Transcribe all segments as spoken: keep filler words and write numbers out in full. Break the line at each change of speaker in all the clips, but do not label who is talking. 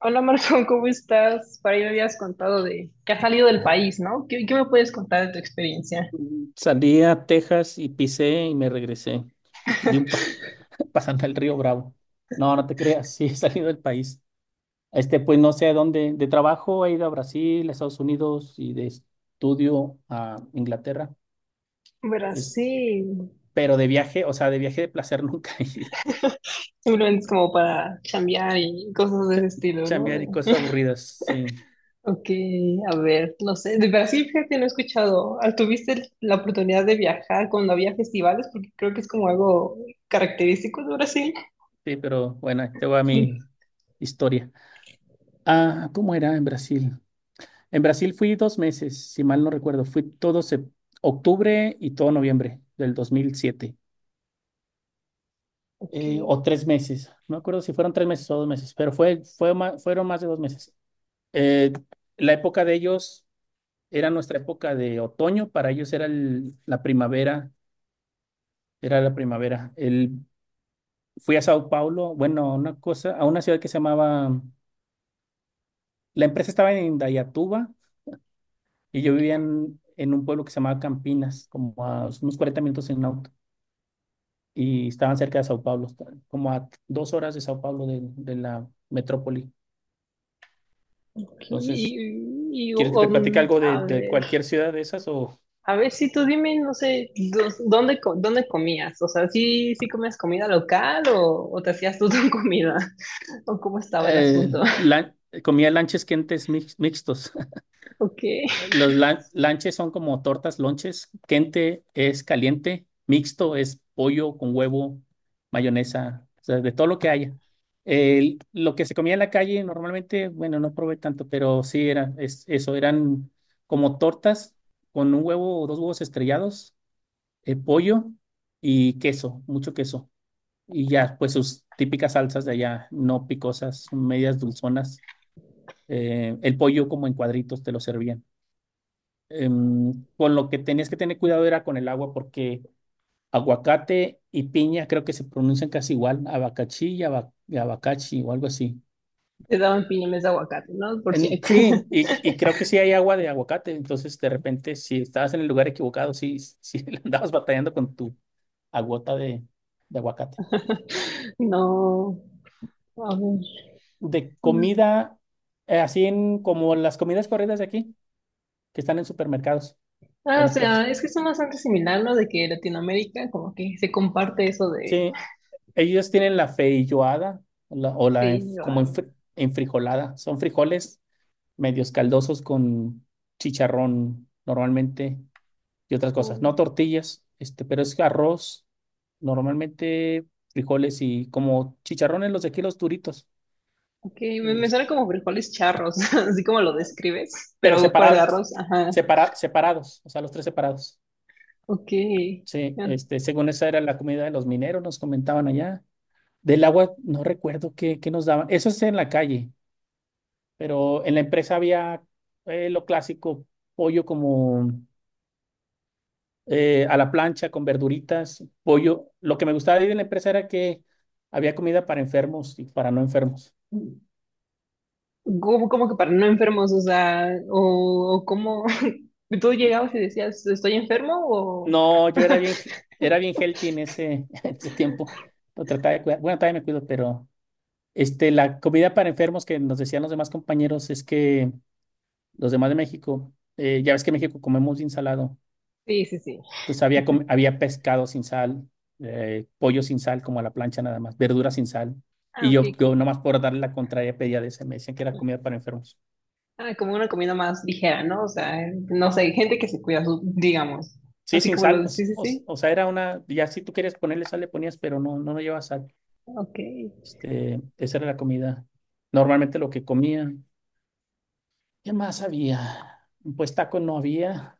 Hola Marco, ¿cómo estás? Para ahí me habías contado de que has salido del país, ¿no? ¿Qué, qué me puedes contar de tu experiencia?
Salí a Texas y pisé y me regresé. Di un pa- pasando el río Bravo. No, no te creas, sí he salido del país. Este, pues no sé a dónde. De trabajo he ido a Brasil, a Estados Unidos y de estudio a Inglaterra. Es,
Brasil.
pero de viaje, o sea, de viaje de placer nunca he ido.
Simplemente es como para chambear y cosas de ese
Cha-
estilo, ¿no?
Chambear
De-
y cosas aburridas, sí.
ok, a ver, no sé. De Brasil, fíjate, no he escuchado. Ah, ¿tuviste el- la oportunidad de viajar cuando había festivales? Porque creo que es como algo característico de Brasil.
Sí, pero bueno, ahí te voy a mi historia. Ah, ¿cómo era en Brasil? En Brasil fui dos meses, si mal no recuerdo. Fui todo sep- octubre y todo noviembre del dos mil siete.
Ok,
Eh, o tres meses. No me acuerdo si fueron tres meses o dos meses, pero fue, fue ma- fueron más de dos meses. Eh, la época de ellos era nuestra época de otoño. Para ellos era el- la primavera. Era la primavera. El, fui a Sao Paulo, bueno, a una cosa, a una ciudad que se llamaba... La empresa estaba en Indaiatuba y yo vivía en, en un pueblo que se llamaba Campinas, como a unos cuarenta minutos en auto. Y estaban cerca de Sao Paulo, como a dos horas de Sao Paulo de, de la metrópoli.
ok,
Entonces,
y, y,
¿quieres que te platique
um,
algo de,
a
de
ver.
cualquier ciudad de esas o
A ver, si tú dime, no sé, dos- ¿dónde, co- dónde comías? O sea, ¿sí, sí comías comida local o, o te hacías tú tu comida? ¿O cómo estaba el
eh,
asunto?
la- comía lanches quentes mix- mixtos?
¿O
Los lan- lanches son como tortas, lonches. Kente es caliente, mixto es pollo con huevo, mayonesa, o sea, de todo lo que haya. El- lo que se comía en la calle normalmente, bueno, no probé tanto, pero sí era es- eso, eran como tortas con un huevo o dos huevos estrellados, eh, pollo y queso, mucho queso. Y ya, pues sus típicas salsas de allá, no picosas, medias dulzonas. Eh, el pollo como en cuadritos te lo servían em, con lo que tenías que tener cuidado era con el agua, porque aguacate y piña creo que se pronuncian casi igual, abacachí y, aba- y abacachi o algo así.
te daban piñones de aguacate, ¿no? Por si
En-
acaso.
sí, y, y creo que sí hay agua de aguacate, entonces de repente si estabas en el lugar equivocado, sí, sí le andabas batallando con tu agota de, de aguacate.
No, a ver.
De comida, eh, así en, como las comidas corridas de aquí, que están en supermercados o
Ah,
en
o
las
sea,
plazas.
es que son bastante similar, ¿no? De que Latinoamérica como que se comparte eso de
Sí, ellos tienen la feijoada la- o la enf- como
ello.
enfri- enfrijolada. Son frijoles medios caldosos con chicharrón normalmente y otras cosas.
Ok,
No tortillas, este, pero es arroz, normalmente frijoles y como chicharrones los de aquí, los duritos,
me, me suena
este,
como frijoles charros, así como lo
ah,
describes,
pero
pero para el
separados,
arroz, ajá.
separa- separados, o sea, los tres separados.
Ok.
Sí, este, según esa era la comida de los mineros, nos comentaban allá. Del agua, no recuerdo qué, qué nos daban. Eso es en la calle. Pero en la empresa había eh, lo clásico, pollo como eh, a la plancha con verduritas, pollo. Lo que me gustaba de ir en la empresa era que había comida para enfermos y para no enfermos.
Como, como que para no enfermos, o sea, o, o cómo tú llegabas y decías, ¿estoy enfermo? O...
No, yo era bien, he- era bien healthy en ese, en ese tiempo. Lo trataba de cuidar. Bueno, todavía me cuido, pero este, la comida para enfermos que nos decían los demás compañeros es que los demás de México, eh, ya ves que en México comemos ensalado.
Sí, sí, sí.
Entonces había, había pescado sin sal, eh, pollo sin sal, como a la plancha nada más, verduras sin sal.
Ah,
Y
ok,
yo, yo
como,
nomás por darle la contraria pedía de ese, me decían que era comida para enfermos.
ah, como una comida más ligera, ¿no? O sea, no sé, gente que se cuida, su- digamos.
Sí,
Así
sin
como lo
sal,
de, sí, sí,
o, o
sí.
o sea, era una, ya si tú querías ponerle sal le ponías, pero no, no, no llevaba sal.
Ok.
Este, esa era la comida. Normalmente lo que comía. ¿Qué más había? Pues taco no había.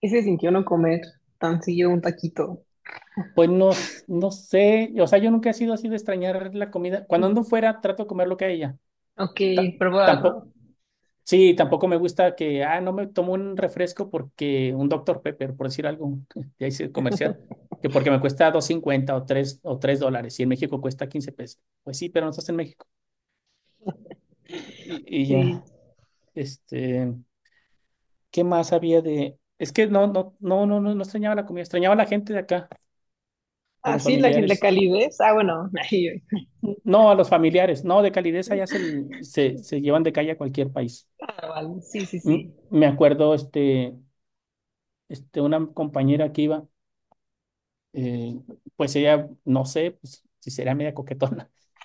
¿Y se sintió no comer tan seguido un taquito?
Pues no, no sé, o sea, yo nunca he sido así de extrañar la comida. Cuando ando fuera, trato de comer lo que haya.
Ok,
Ta-
probar,
Tampoco,
¿no?
sí, tampoco me gusta que, ah, no me tomo un refresco porque un doctor Pepper, por decir algo, ya hice comercial, que porque me cuesta dos cincuenta o tres o tres dólares y en México cuesta quince pesos. Pues sí, pero no estás en México. Y, y
Sí.
ya, este, ¿qué más había de...? Es que no, no, no, no, no, no extrañaba la comida, extrañaba a la gente de acá, a
Ah,
los
sí, la, gen- la
familiares.
calidez. Ah, bueno, ahí.
No, a los familiares, no, de calidez allá se, se, se llevan de calle a cualquier país.
Ah, vale, sí, sí,
Mm,
sí.
me acuerdo, este, este, una compañera que iba eh, pues ella, no sé, pues, si será media coquetona.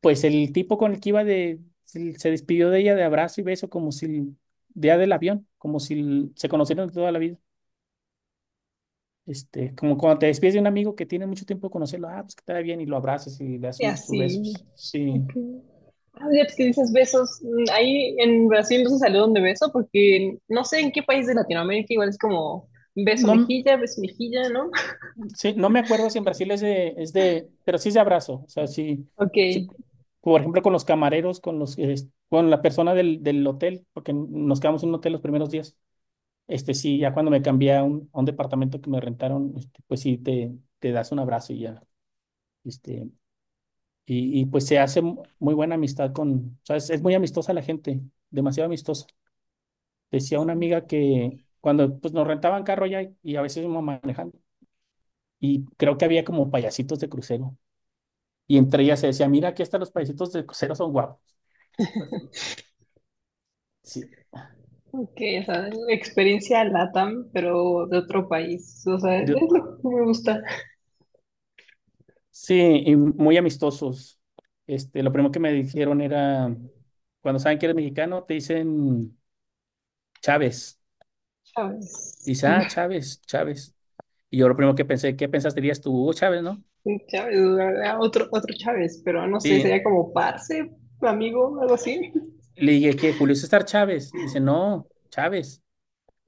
Pues el tipo con el que iba de, se se despidió de ella de abrazo y beso como si día del avión, como si se conocieran de toda la vida. Este, como cuando te despides de un amigo que tiene mucho tiempo de conocerlo, ah, pues que te vaya bien y lo abrazas y le das
Y
un, sus
así.
besos. Sí.
Ok. Ah, ya pues, que dices besos, mm, ahí en Brasil no se saludan de beso porque no sé en qué país de Latinoamérica igual es como beso
No, m-
mejilla, beso mejilla, ¿no?
sí, no me acuerdo si en Brasil es de, es de, pero sí es de abrazo. O sea, sí,
Ok,
sí, por ejemplo, con los camareros, con los, eh, con la persona del, del hotel, porque nos quedamos en un hotel los primeros días. Este sí, ya cuando me cambié a un, a un departamento que me rentaron, este, pues sí, te, te das un abrazo y ya. Este, y, y pues se hace mu- muy buena amistad con, ¿sabes? Es es muy amistosa la gente, demasiado amistosa. Decía una amiga que cuando pues, nos rentaban carro ya y y a veces íbamos manejando, y creo que había como payasitos de crucero. Y entre ellas se decía, mira, aquí están los payasitos de crucero son guapos. Pues, sí,
ok, o sea, experiencia LATAM, pero de otro país, o sea, es
sí.
lo que me gusta.
Sí, y muy amistosos. Este, lo primero que me dijeron era, cuando saben que eres mexicano, te dicen Chávez.
Chávez,
Dice, ah, Chávez, Chávez. Y yo lo primero que pensé, ¿qué pensaste dirías tú, Hugo Chávez, no?
Chávez, ah, otro, otro Chávez, pero no sé,
Sí,
sería como parce, amigo, algo así.
le dije, ¿qué? Julio César Chávez. Dice, no, Chávez.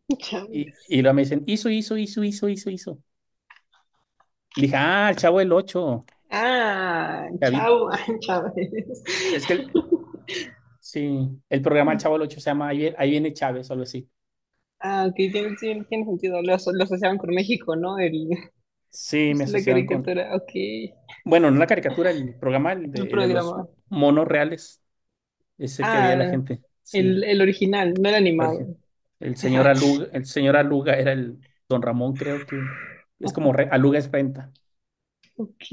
Y,
Chávez.
y luego me dicen, hizo, hizo, hizo, hizo, hizo, hizo. Le dije, ah, el Chavo del Ocho,
Ah,
Chavito.
chao, Chávez.
Es que, el- sí, el programa El Chavo del Ocho se llama Ahí vie- Ahí viene Chávez o algo así.
Ah, ok, tiene, sí, tiene sentido. Lo, aso- lo asociaban con México, ¿no? El,
Sí, me
pues, la
asociaban con,
caricatura, ok.
bueno, no la caricatura, el programa el
El
de, de los
programa.
monos reales es el que veía la
Ah,
gente,
el,
sí,
el original, no el
la
animado.
origen. El señor Aluga, el señor Aluga era el don Ramón, creo que es como re- Aluga es renta.
Ok.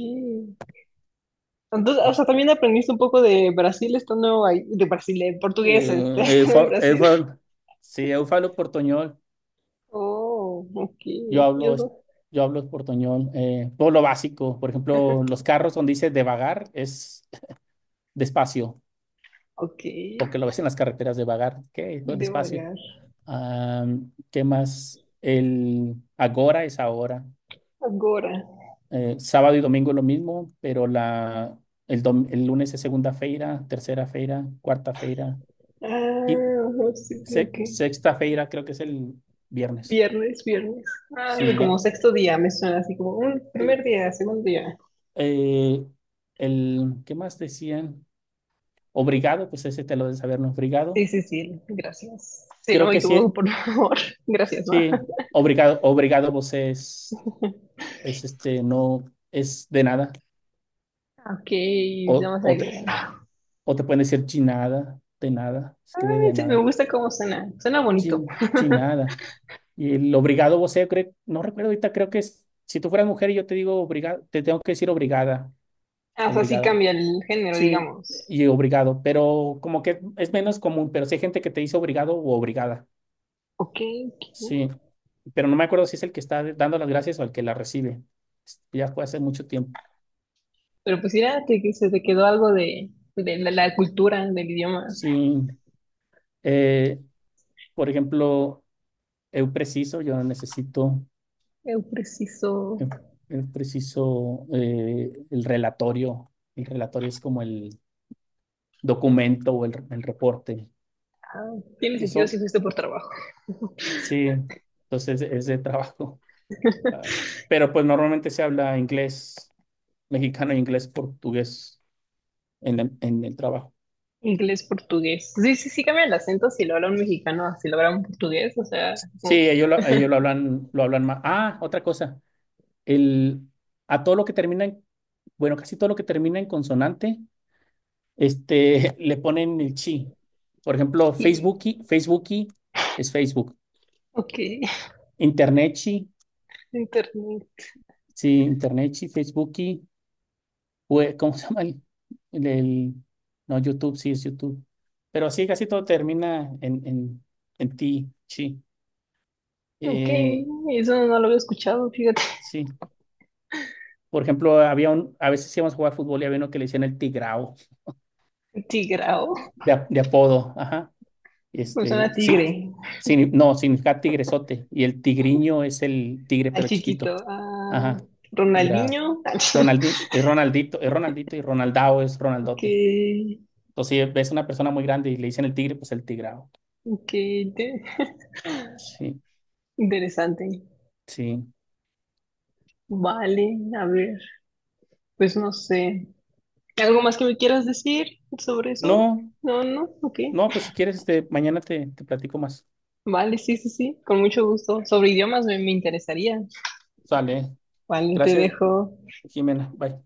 Entonces, o sea,
Es-
también aprendiste un poco de Brasil estando ahí, de Brasil, de portugués, este,
eh,
estando en
Eufa-
Brasil.
Eufa- sí, yo hablo portoñol,
Oh, ok.
yo
Yo,
hablo, es-
so-
yo hablo portoñol, eh, todo lo básico, por ejemplo, los carros donde dice devagar es despacio,
ok.
porque lo ves en las carreteras devagar, ¿qué? Pues despacio.
Devagar.
Ah, ¿qué más? El agora es ahora.
Agora.
Eh, sábado y domingo lo mismo, pero la, el, dom- el lunes es segunda feira, tercera feira, cuarta feira, qui-
Ah, no, sí,
se-
ok.
sexta feira creo que es el viernes.
Viernes, viernes. Ah,
Sí,
como
ya.
sexto día me suena así como un primer
Sí.
día, segundo día.
Eh, el, ¿qué más decían? Obrigado, pues ese te lo de saber, ¿no?
Sí,
Obrigado.
sí, sí, gracias. Sí,
Creo
no, y
que
como,
sí,
por favor, gracias, ¿no?
sí. Obrigado, obrigado, vos es, es este, no, es de nada.
Ok,
O,
vamos a
o
ver.
o te pueden decir chinada, de nada, escribe
Ay,
de
sí, me
nada,
gusta cómo suena. Suena bonito.
chin, chinada. Y el obrigado vos sea creo, no recuerdo ahorita, creo que es, si tú fueras mujer y yo te digo obrigada, te tengo que decir obrigada,
Ah, o sea, sí
obrigada.
cambia el género,
Sí,
digamos.
y obrigado, pero como que es menos común, pero sí hay gente que te dice obrigado o obrigada.
Ok, ok.
Sí, pero no me acuerdo si es el que está dando las gracias o el que la recibe. Ya fue hace mucho tiempo.
Pero pues mira, te- que se te quedó algo de, de la, la cultura, del idioma.
Sí, eh, por ejemplo, eu preciso, yo necesito.
Eu preciso.
Es, es preciso eh, el relatorio. El relatorio es como el documento o el, el reporte.
Ah, tiene
Entonces
sentido si
son,
fuiste por trabajo.
sí, entonces es de trabajo. Ah, pero pues normalmente se habla inglés mexicano e inglés portugués en, la- en el trabajo.
Inglés, portugués. Sí, sí, sí cambia el acento si lo habla un mexicano, a si lo habla un portugués, o sea,
Sí,
como,
ellos lo, ellos lo hablan, lo hablan más. Ah, otra cosa. El, a todo lo que termina en, bueno, casi todo lo que termina en consonante este, le ponen el chi. Por ejemplo,
sí,
Facebooki, Facebooki es Facebook.
ok,
Internetchi,
internet.
sí, Internetchi, Facebooki, ¿cómo se llama? El, el- no, YouTube, sí es YouTube. Pero así casi todo termina en, en, en ti, chi.
Ok,
Eh,
eso no lo había escuchado, fíjate.
sí, por ejemplo, había un, a veces íbamos a jugar fútbol y había uno que le decían el tigrao,
Tigrao,
de, ap- de apodo, ajá.
me suena
Este,
a
sí,
tigre,
sí, no, significa tigresote. Y el tigriño es el tigre,
a
pero
chiquito,
chiquito.
a
Ajá, tigrado.
Ronaldinho.
Ronaldi, es Ronaldito, es Ronaldito y Ronaldao es
Ok,
Ronaldote. Entonces, si ves una persona muy grande y le dicen el tigre, pues el tigrado.
ok, te-
Sí,
interesante.
sí.
Vale, a ver, pues no sé. ¿Algo más que me quieras decir sobre eso?
No,
No, no, ok.
no, pues si quieres, este, mañana te, te platico más.
Vale, sí, sí, sí, con mucho gusto. Sobre idiomas me, me interesaría.
Sale.
Vale, te
Gracias,
dejo.
Jimena. Bye.